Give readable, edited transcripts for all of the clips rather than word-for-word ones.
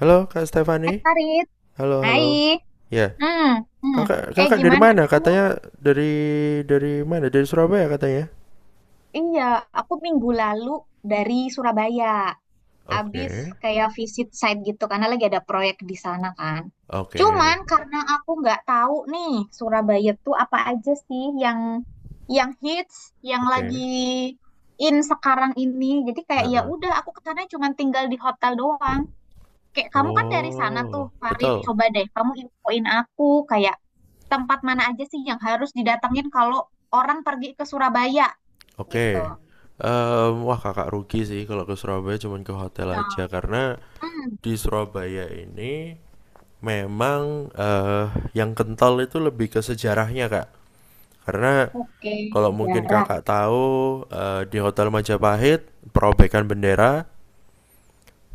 Halo Kak Hai Stefani. Farid, Halo, hai. halo. Ya. Hmm, hmm. Kakak kakak dari Gimana mana? kamu? Katanya dari mana? Dari Surabaya katanya. Iya, aku minggu lalu dari Surabaya. Abis Oke. kayak visit site gitu karena lagi ada proyek di sana kan. Oke. Cuman karena aku nggak tahu nih Surabaya tuh apa aja sih yang hits, yang lagi Oke. in sekarang ini. Jadi kayak ya Heeh. udah aku ke sana cuman tinggal di hotel doang. Kayak kamu kan dari sana tuh, Oh, Farid. betul. Coba deh kamu infoin aku kayak tempat mana aja sih yang harus didatengin kalau orang pergi ke Surabaya gitu. Oke. Wah, Kakak rugi sih kalau ke Surabaya cuman ke hotel Ya, aja karena hmm, di Surabaya ini memang yang kental itu lebih ke sejarahnya, Kak. Karena oke, kalau mungkin sejarah. Kakak tahu, di Hotel Majapahit perobekan bendera.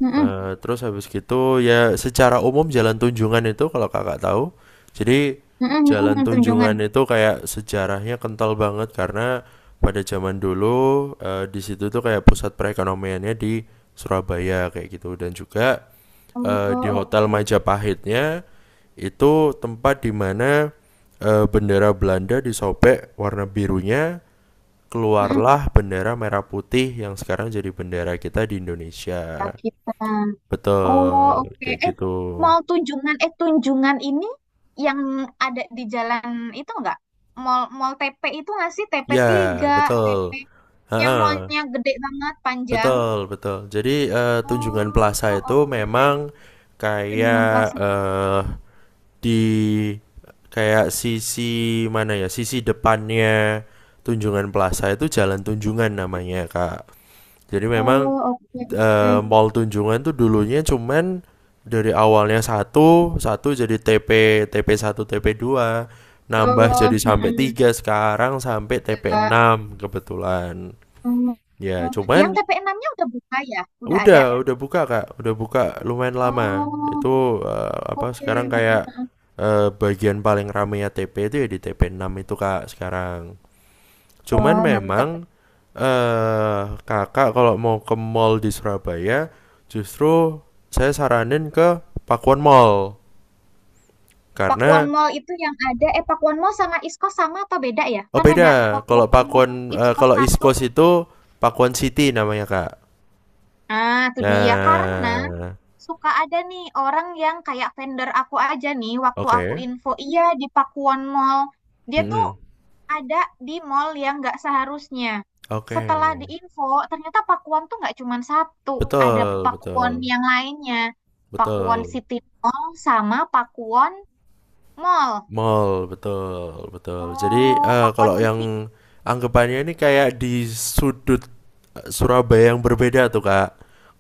Mm-mm, Terus habis gitu ya, secara umum Jalan Tunjungan itu kalau Kakak tahu, jadi Jalan mm-mm, Tunjungan. Tunjungan itu kayak sejarahnya kental banget karena pada zaman dulu, di situ tuh kayak pusat perekonomiannya di Surabaya kayak gitu, dan juga Oh, di Hotel oke. Majapahitnya itu tempat di mana bendera Belanda disobek warna birunya Mm-mm. keluarlah bendera merah putih yang sekarang jadi bendera kita di Indonesia. Kita. Oh, Betul, oke. kayak gitu. Mall Tunjungan, Tunjungan ini yang ada di jalan itu enggak? Mall Mall TP itu nggak sih? TP 3, Ya, TP betul. yang Heeh, mallnya gede banget, panjang. betul, betul. Jadi, Tunjungan Oh, Plaza itu oke. memang Tunjungan kayak Plaza. eh di kayak sisi mana ya? Sisi depannya Tunjungan Plaza itu Jalan Tunjungan namanya, Kak. Jadi memang, Oh, oke, oke. mall Tunjungan tuh dulunya cuman dari awalnya satu, satu jadi TP, TP1, TP2 nambah jadi Betul. sampai Mm-mm. tiga, sekarang sampai tp Nggak. enam kebetulan. Oh, Ya, oh. Yang cuman TP6-nya udah buka ya? Udah ada? udah buka Kak, udah buka lumayan lama. Oh, Itu apa oke. sekarang kayak Mm-mm. Bagian paling rame ya TP itu ya di TP6 itu Kak sekarang. Cuman Oh, mantep. memang, eh Kakak kalau mau ke mall di Surabaya justru saya saranin ke Pakuan Mall Pakuwon karena, Mall itu yang ada. Eh, Pakuwon Mall sama Iskos sama atau beda ya? oh, Kan ada beda kalau Pakuwon Mall, Pakuan, Iskos kalau East satu. Coast itu Pakuan City namanya, Kak. Ah, itu dia. Karena Nah, suka ada nih orang yang kayak vendor aku aja nih waktu aku oke. info. Iya, di Pakuwon Mall. Dia tuh Mm-mm. ada di mall yang nggak seharusnya. Oke, Setelah diinfo, ternyata Pakuwon tuh nggak cuma satu, ada betul, Pakuwon betul, yang lainnya. Pakuwon betul. City Mall sama Pakuwon Mall. Mall, betul, betul. Jadi, Oh, Pakuwon kalau City. yang anggapannya ini kayak di sudut Surabaya yang berbeda tuh, Kak.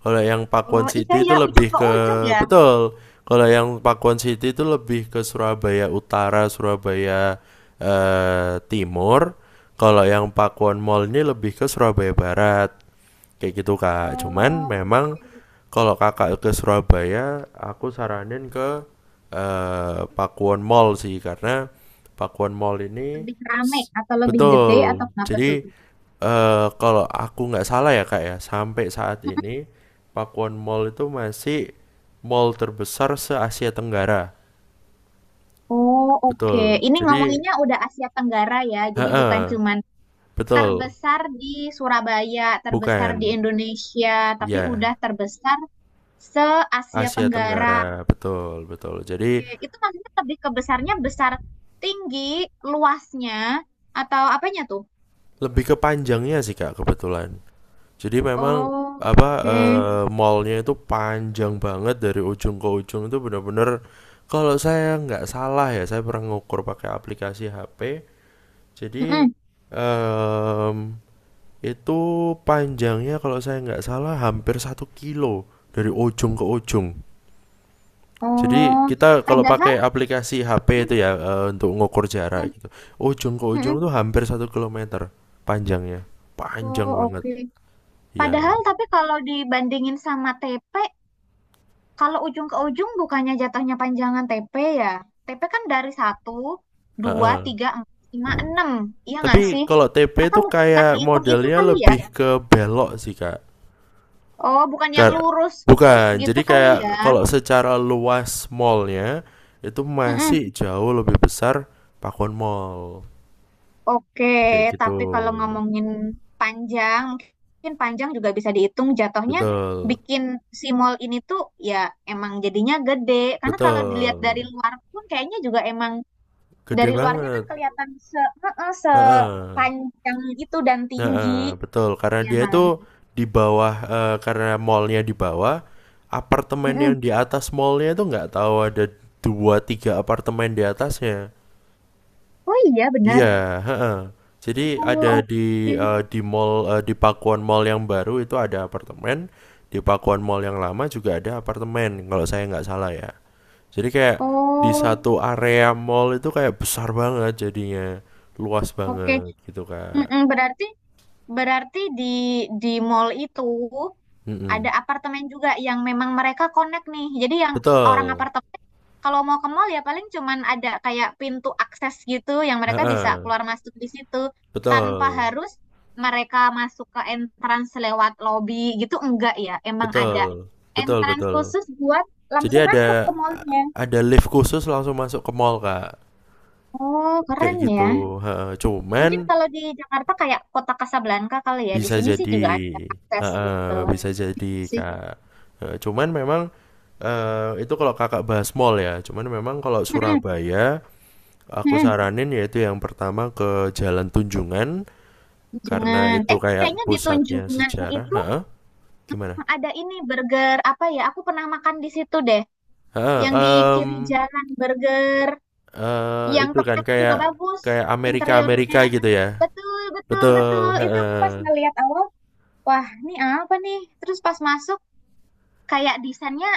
Kalau yang Pakuwon Oh, iya City itu ya, ujung lebih ke ke. ujung ya. Betul. Kalau yang Pakuwon City itu lebih ke Surabaya Utara, Surabaya, Timur. Kalau yang Pakuwon Mall ini lebih ke Surabaya Barat kayak gitu Kak, cuman Oh, memang oke. kalau Kakak ke Surabaya, aku saranin ke Pakuwon Mall sih karena Pakuwon Mall ini Lebih rame atau lebih gede atau betul, kenapa jadi tuh? eh, kalau aku nggak salah ya Kak ya sampai saat ini Pakuwon Mall itu masih mall terbesar se Asia Tenggara. Oh, oke. Betul, Ini jadi, ngomonginnya udah Asia Tenggara ya, jadi bukan heeh, cuman betul. terbesar di Surabaya, terbesar di Bukan, Indonesia, tapi udah ya, terbesar se-Asia Asia Tenggara. Tenggara, betul, betul. Jadi Oke, itu maksudnya lebih ke besarnya besar tinggi, luasnya, atau apanya tuh? lebih ke panjangnya sih Kak kebetulan. Jadi memang, Oh, apa, oke. Mallnya itu panjang banget dari ujung ke ujung itu benar-benar kalau saya nggak salah ya, saya pernah ngukur pakai aplikasi HP. Jadi Mm-mm. em, itu panjangnya kalau saya nggak salah hampir 1 kilo dari ujung ke ujung. Jadi Oh, kita kalau padahal, pakai aplikasi HP mm, itu ya, untuk ngukur mm, jarak gitu. Ujung ke ujung mm-mm. tuh hampir 1 kilometer panjangnya, Oh, panjang banget. oke. Iya, Padahal tapi kalau dibandingin sama TP, kalau ujung ke ujung bukannya jatuhnya panjangan TP ya? TP kan dari satu, dua, heeh. tiga, empat, lima, enam. Iya nggak Tapi sih? kalau TP Atau itu mungkin bukan kayak dihitung itu modelnya kali ya? lebih ke belok sih, Kak. Oh, bukan yang Kar- lurus, lurus Bukan. gitu Jadi kali ya? kayak kalau secara luas mallnya itu Mm-mm. masih jauh lebih besar Pakuan Mall. Oke, Kayak gitu. tapi kalau ngomongin panjang, mungkin panjang juga bisa dihitung jatuhnya Betul. bikin si mall ini tuh ya emang jadinya gede. Karena kalau dilihat dari Betul. luar pun kayaknya juga emang dari Gede luarnya kan banget. kelihatan se heeh, Heeh, sepanjang itu dan tinggi, nah, betul. Karena ya dia kan? itu di bawah, karena mallnya di bawah, apartemen yang Mm-mm. di atas mallnya itu nggak tahu ada dua tiga apartemen di atasnya. Oh iya benar. Iya, heeh. Jadi Oh ada di oke. eh, di mall, di Pakuan Mall yang baru itu ada apartemen, di Pakuan Mall yang lama juga ada apartemen kalau saya nggak salah ya. Jadi kayak di Oh satu area mall itu kayak besar banget jadinya, luas oke. banget gitu Kak. Mm-mm. Berarti Berarti di mall itu Mm-mm. ada apartemen juga yang memang mereka connect nih. Jadi yang orang Betul. apartemen kalau mau ke mall ya paling cuman ada kayak pintu akses gitu yang mereka bisa Heeh, keluar masuk di situ tanpa betul, harus mereka masuk ke entrance lewat lobby gitu enggak ya. Emang ada betul, betul, entrance betul. khusus buat Jadi langsung masuk ada ke mallnya. ada lift khusus langsung masuk ke mall Kak, Oh, kayak keren ya. gitu. Heeh, cuman Mungkin kalau di Jakarta kayak Kota Kasablanka kali ya. Di bisa sini sih jadi, juga ada akses heeh, gitu bisa jadi sih. Kak. Heeh, cuman memang, itu kalau Kakak bahas mall ya. Cuman memang kalau Mm-mm, Surabaya, aku mm-mm. saranin yaitu yang pertama ke Jalan Tunjungan karena Tunjungan. itu Eh, kayak kayaknya di pusatnya Tunjungan sejarah. itu Heeh, gimana? ada ini burger apa ya? Aku pernah makan di situ deh. Yang di Heeh, kiri jalan burger, yang itu kan tempatnya kayak juga bagus kayak interiornya. Amerika-Amerika gitu ya? Betul, betul, Betul, betul. Itu aku pas heeh. ngeliat awal, wah, ini apa nih? Terus pas masuk kayak desainnya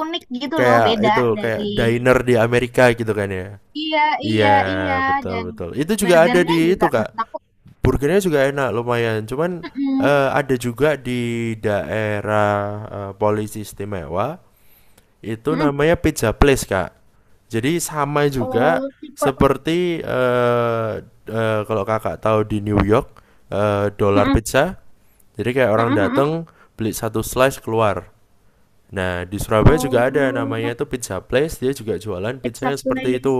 unik gitu loh, Kayak beda itu, kayak dari. diner di Amerika gitu kan ya? Iya, iya, Iya, iya betul dan betul. Itu juga ada burgernya di juga itu, Kak, menurut aku burgernya juga enak lumayan, cuman, mm-mm, ada juga di daerah, Polisi Istimewa, itu mm-mm. namanya Pizza Place, Kak. Jadi sama juga Oh, tipe seperti, eee eee, kalau Kakak tahu di New York, Dollar mm-mm, Pizza. Jadi kayak orang mm-mm. datang beli satu slice keluar. Nah, di Surabaya juga ada namanya Oh, itu Pizza Place, dia juga jualan pizza pizza yang seperti itu. place.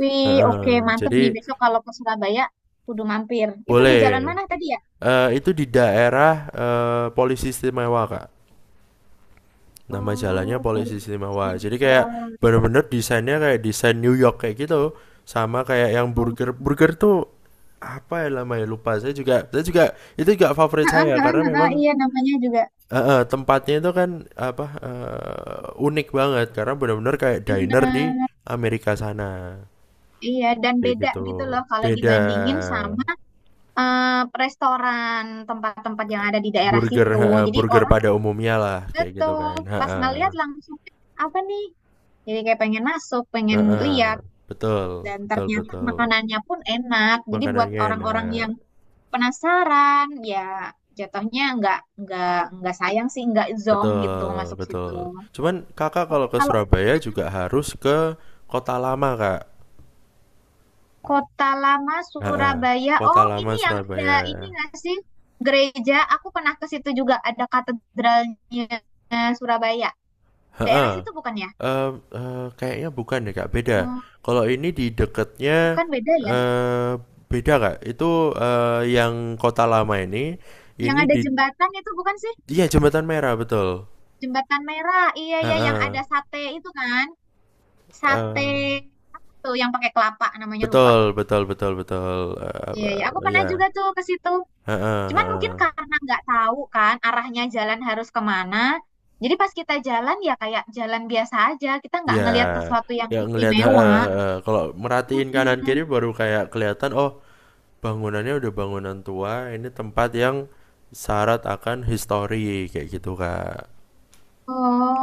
Wih, oke, Heeh, mantep nih. jadi Besok kalau ke Surabaya, kudu mampir. Itu di boleh. jalan mana tadi ya? Itu di daerah, Polisi Istimewa, Kak. Nama jalannya Oh, Polisi Polisi Istimewa. Jadi kayak Bogor. bener-bener desainnya kayak desain New York kayak gitu. Sama kayak yang Oh. burger. Burger tuh apa ya namanya lupa. Saya juga itu juga favorit Ah, ah, saya ah, karena ah, ah, memang. Iya, namanya juga Heeh, tempatnya itu kan apa unik banget karena benar-benar kayak diner di bener. Amerika sana Iya, dan kayak beda gitu, gitu loh kalau beda dibandingin sama eh, restoran tempat-tempat yang ada di daerah burger, situ. heeh, Jadi burger orang pada umumnya lah kayak gitu betul kan. pas Heeh. ngeliat langsung apa nih? Jadi kayak pengen masuk, pengen Heeh. lihat. Betul, Dan betul, ternyata betul. makanannya pun enak. Jadi buat Makanannya orang-orang enak, yang penasaran ya jatuhnya nggak nggak sayang sih nggak zonk gitu betul, masuk situ betul. Cuman Kakak kalau oke ke kalau Surabaya juga harus ke Kota Lama Kak. kota lama Heeh. Surabaya Kota oh Lama ini yang ada Surabaya. ini nggak sih gereja aku pernah ke situ juga ada katedralnya Surabaya daerah Heeh. situ bukan ya? Eee eee, kayaknya bukan deh, Kak, beda. Hmm, Kalau ini di deketnya, bukan beda ya eee, beda, Kak. Itu, yang Kota Lama yang ini ada di, jembatan itu bukan sih iya, Jembatan Merah, betul. jembatan merah iya iya yang Heeh. ada sate itu kan sate Eee, tuh yang pakai kelapa namanya lupa betul betul betul betul, iya apa iya aku pernah ya. juga tuh ke situ. Heeh Cuman mungkin heeh. karena nggak tahu kan arahnya jalan harus kemana, jadi pas kita jalan ya kayak jalan biasa aja, kita nggak Iya, ngelihat sesuatu yang ya ngelihat, heeh istimewa. heeh, kalau merhatiin kanan Mm-mm. kiri baru kayak kelihatan, oh, bangunannya udah bangunan tua, ini tempat yang syarat akan histori kayak gitu Kak.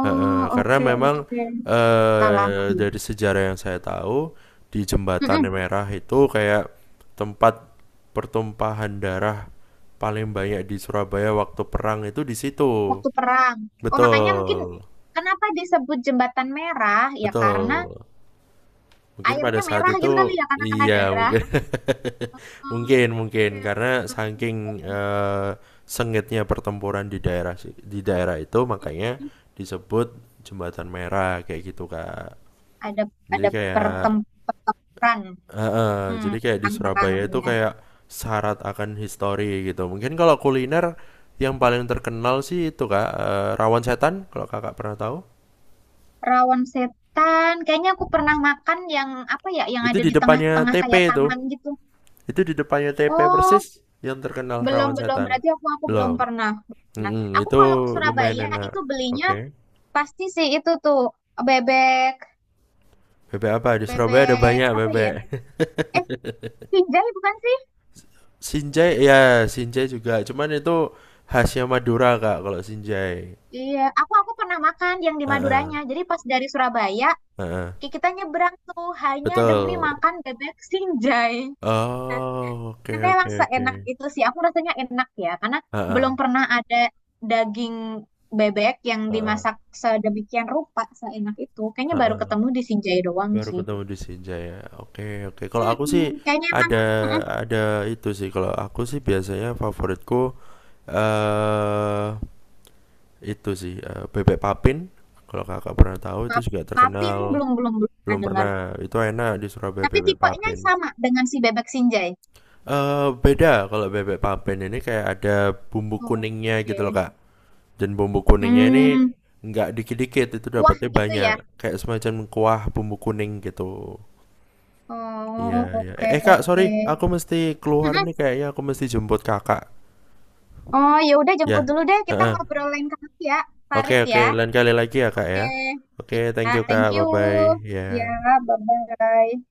Karena oke memang oke. Kita lagi. dari sejarah yang saya tahu di Jembatan Mm-mm. Merah itu kayak tempat pertumpahan darah paling banyak di Surabaya waktu perang itu di situ. Waktu perang. Oh, makanya mungkin Betul, kenapa disebut jembatan merah? Ya karena betul, mungkin pada airnya saat merah itu, gitu kali ya karena kena iya, darah. mungkin. Oh, Mungkin mungkin oke karena oke oke. saking, Jembatan. eh, sengitnya pertempuran di daerah di daerah itu makanya Mm-mm. disebut Jembatan Merah kayak gitu Kak. Ada Jadi ada kayak pertem pertempuran. eh, eh, Hmm, jadi kayak di perang-perang. Surabaya itu Iya. kayak syarat akan histori gitu. Mungkin kalau kuliner yang paling terkenal sih itu Kak, rawon setan kalau Kakak pernah tahu. Rawon setan. Kayaknya aku pernah makan yang apa ya, yang Itu ada di di depannya tengah-tengah TP kayak itu. taman gitu. Itu di depannya TP persis Oh, yang terkenal belum rawon belum setan. berarti aku belum Belum. pernah. Nah, Mm-mm, aku itu kalau ke lumayan Surabaya enak. itu belinya Oke. pasti sih itu tuh bebek Bebek apa? Di Surabaya ada bebek banyak apa ya? bebek. Eh, Kijai bukan sih? Sinjai, ya, Sinjai juga. Cuman itu khasnya Madura, Kak, kalau Sinjai. Iya, aku pernah makan yang di Heeh, Maduranya. Jadi pas dari Surabaya, heeh. Kita nyebrang tuh hanya demi Betul. makan bebek sinjai. Oh, oke Tapi oke emang oke. seenak itu sih. Aku rasanya enak ya, karena Heeh, belum pernah ada daging bebek yang heeh, dimasak sedemikian rupa, seenak itu. Kayaknya baru heeh. ketemu di Sinjai doang Baru sih. ketemu di Sinjai ya. Oke, oke. Kalau aku Mm-mm, sih kayaknya emang ada mm-mm. ada itu sih. Kalau aku sih biasanya favoritku eh itu sih, bebek papin, kalau Kakak pernah tahu itu juga Papin terkenal. belum belum belum pernah Belum dengar. pernah, itu enak di Surabaya Tapi bebek tipenya papin. sama dengan si bebek Sinjai. Eee, beda kalau bebek papin ini kayak ada bumbu kuningnya Oke. gitu loh, Kak. Dan bumbu kuningnya ini Hmm, nggak dikit-dikit, itu wah dapatnya gitu banyak. ya. Kayak semacam kuah bumbu kuning gitu. Iya Oh, iya. Oke Kak, sorry, oke. aku mesti keluar Mm-mm. nih kayaknya aku mesti jemput Kakak. Oh, ya udah jemput Ya, dulu deh. Kita heeh. ngobrol lain kali ya, Oke Farid oke, ya. lain kali lagi ya, Kak, Oke, ya. Oke, thank ya, you, thank Kak, you. bye-bye, Ya, ya bye-bye.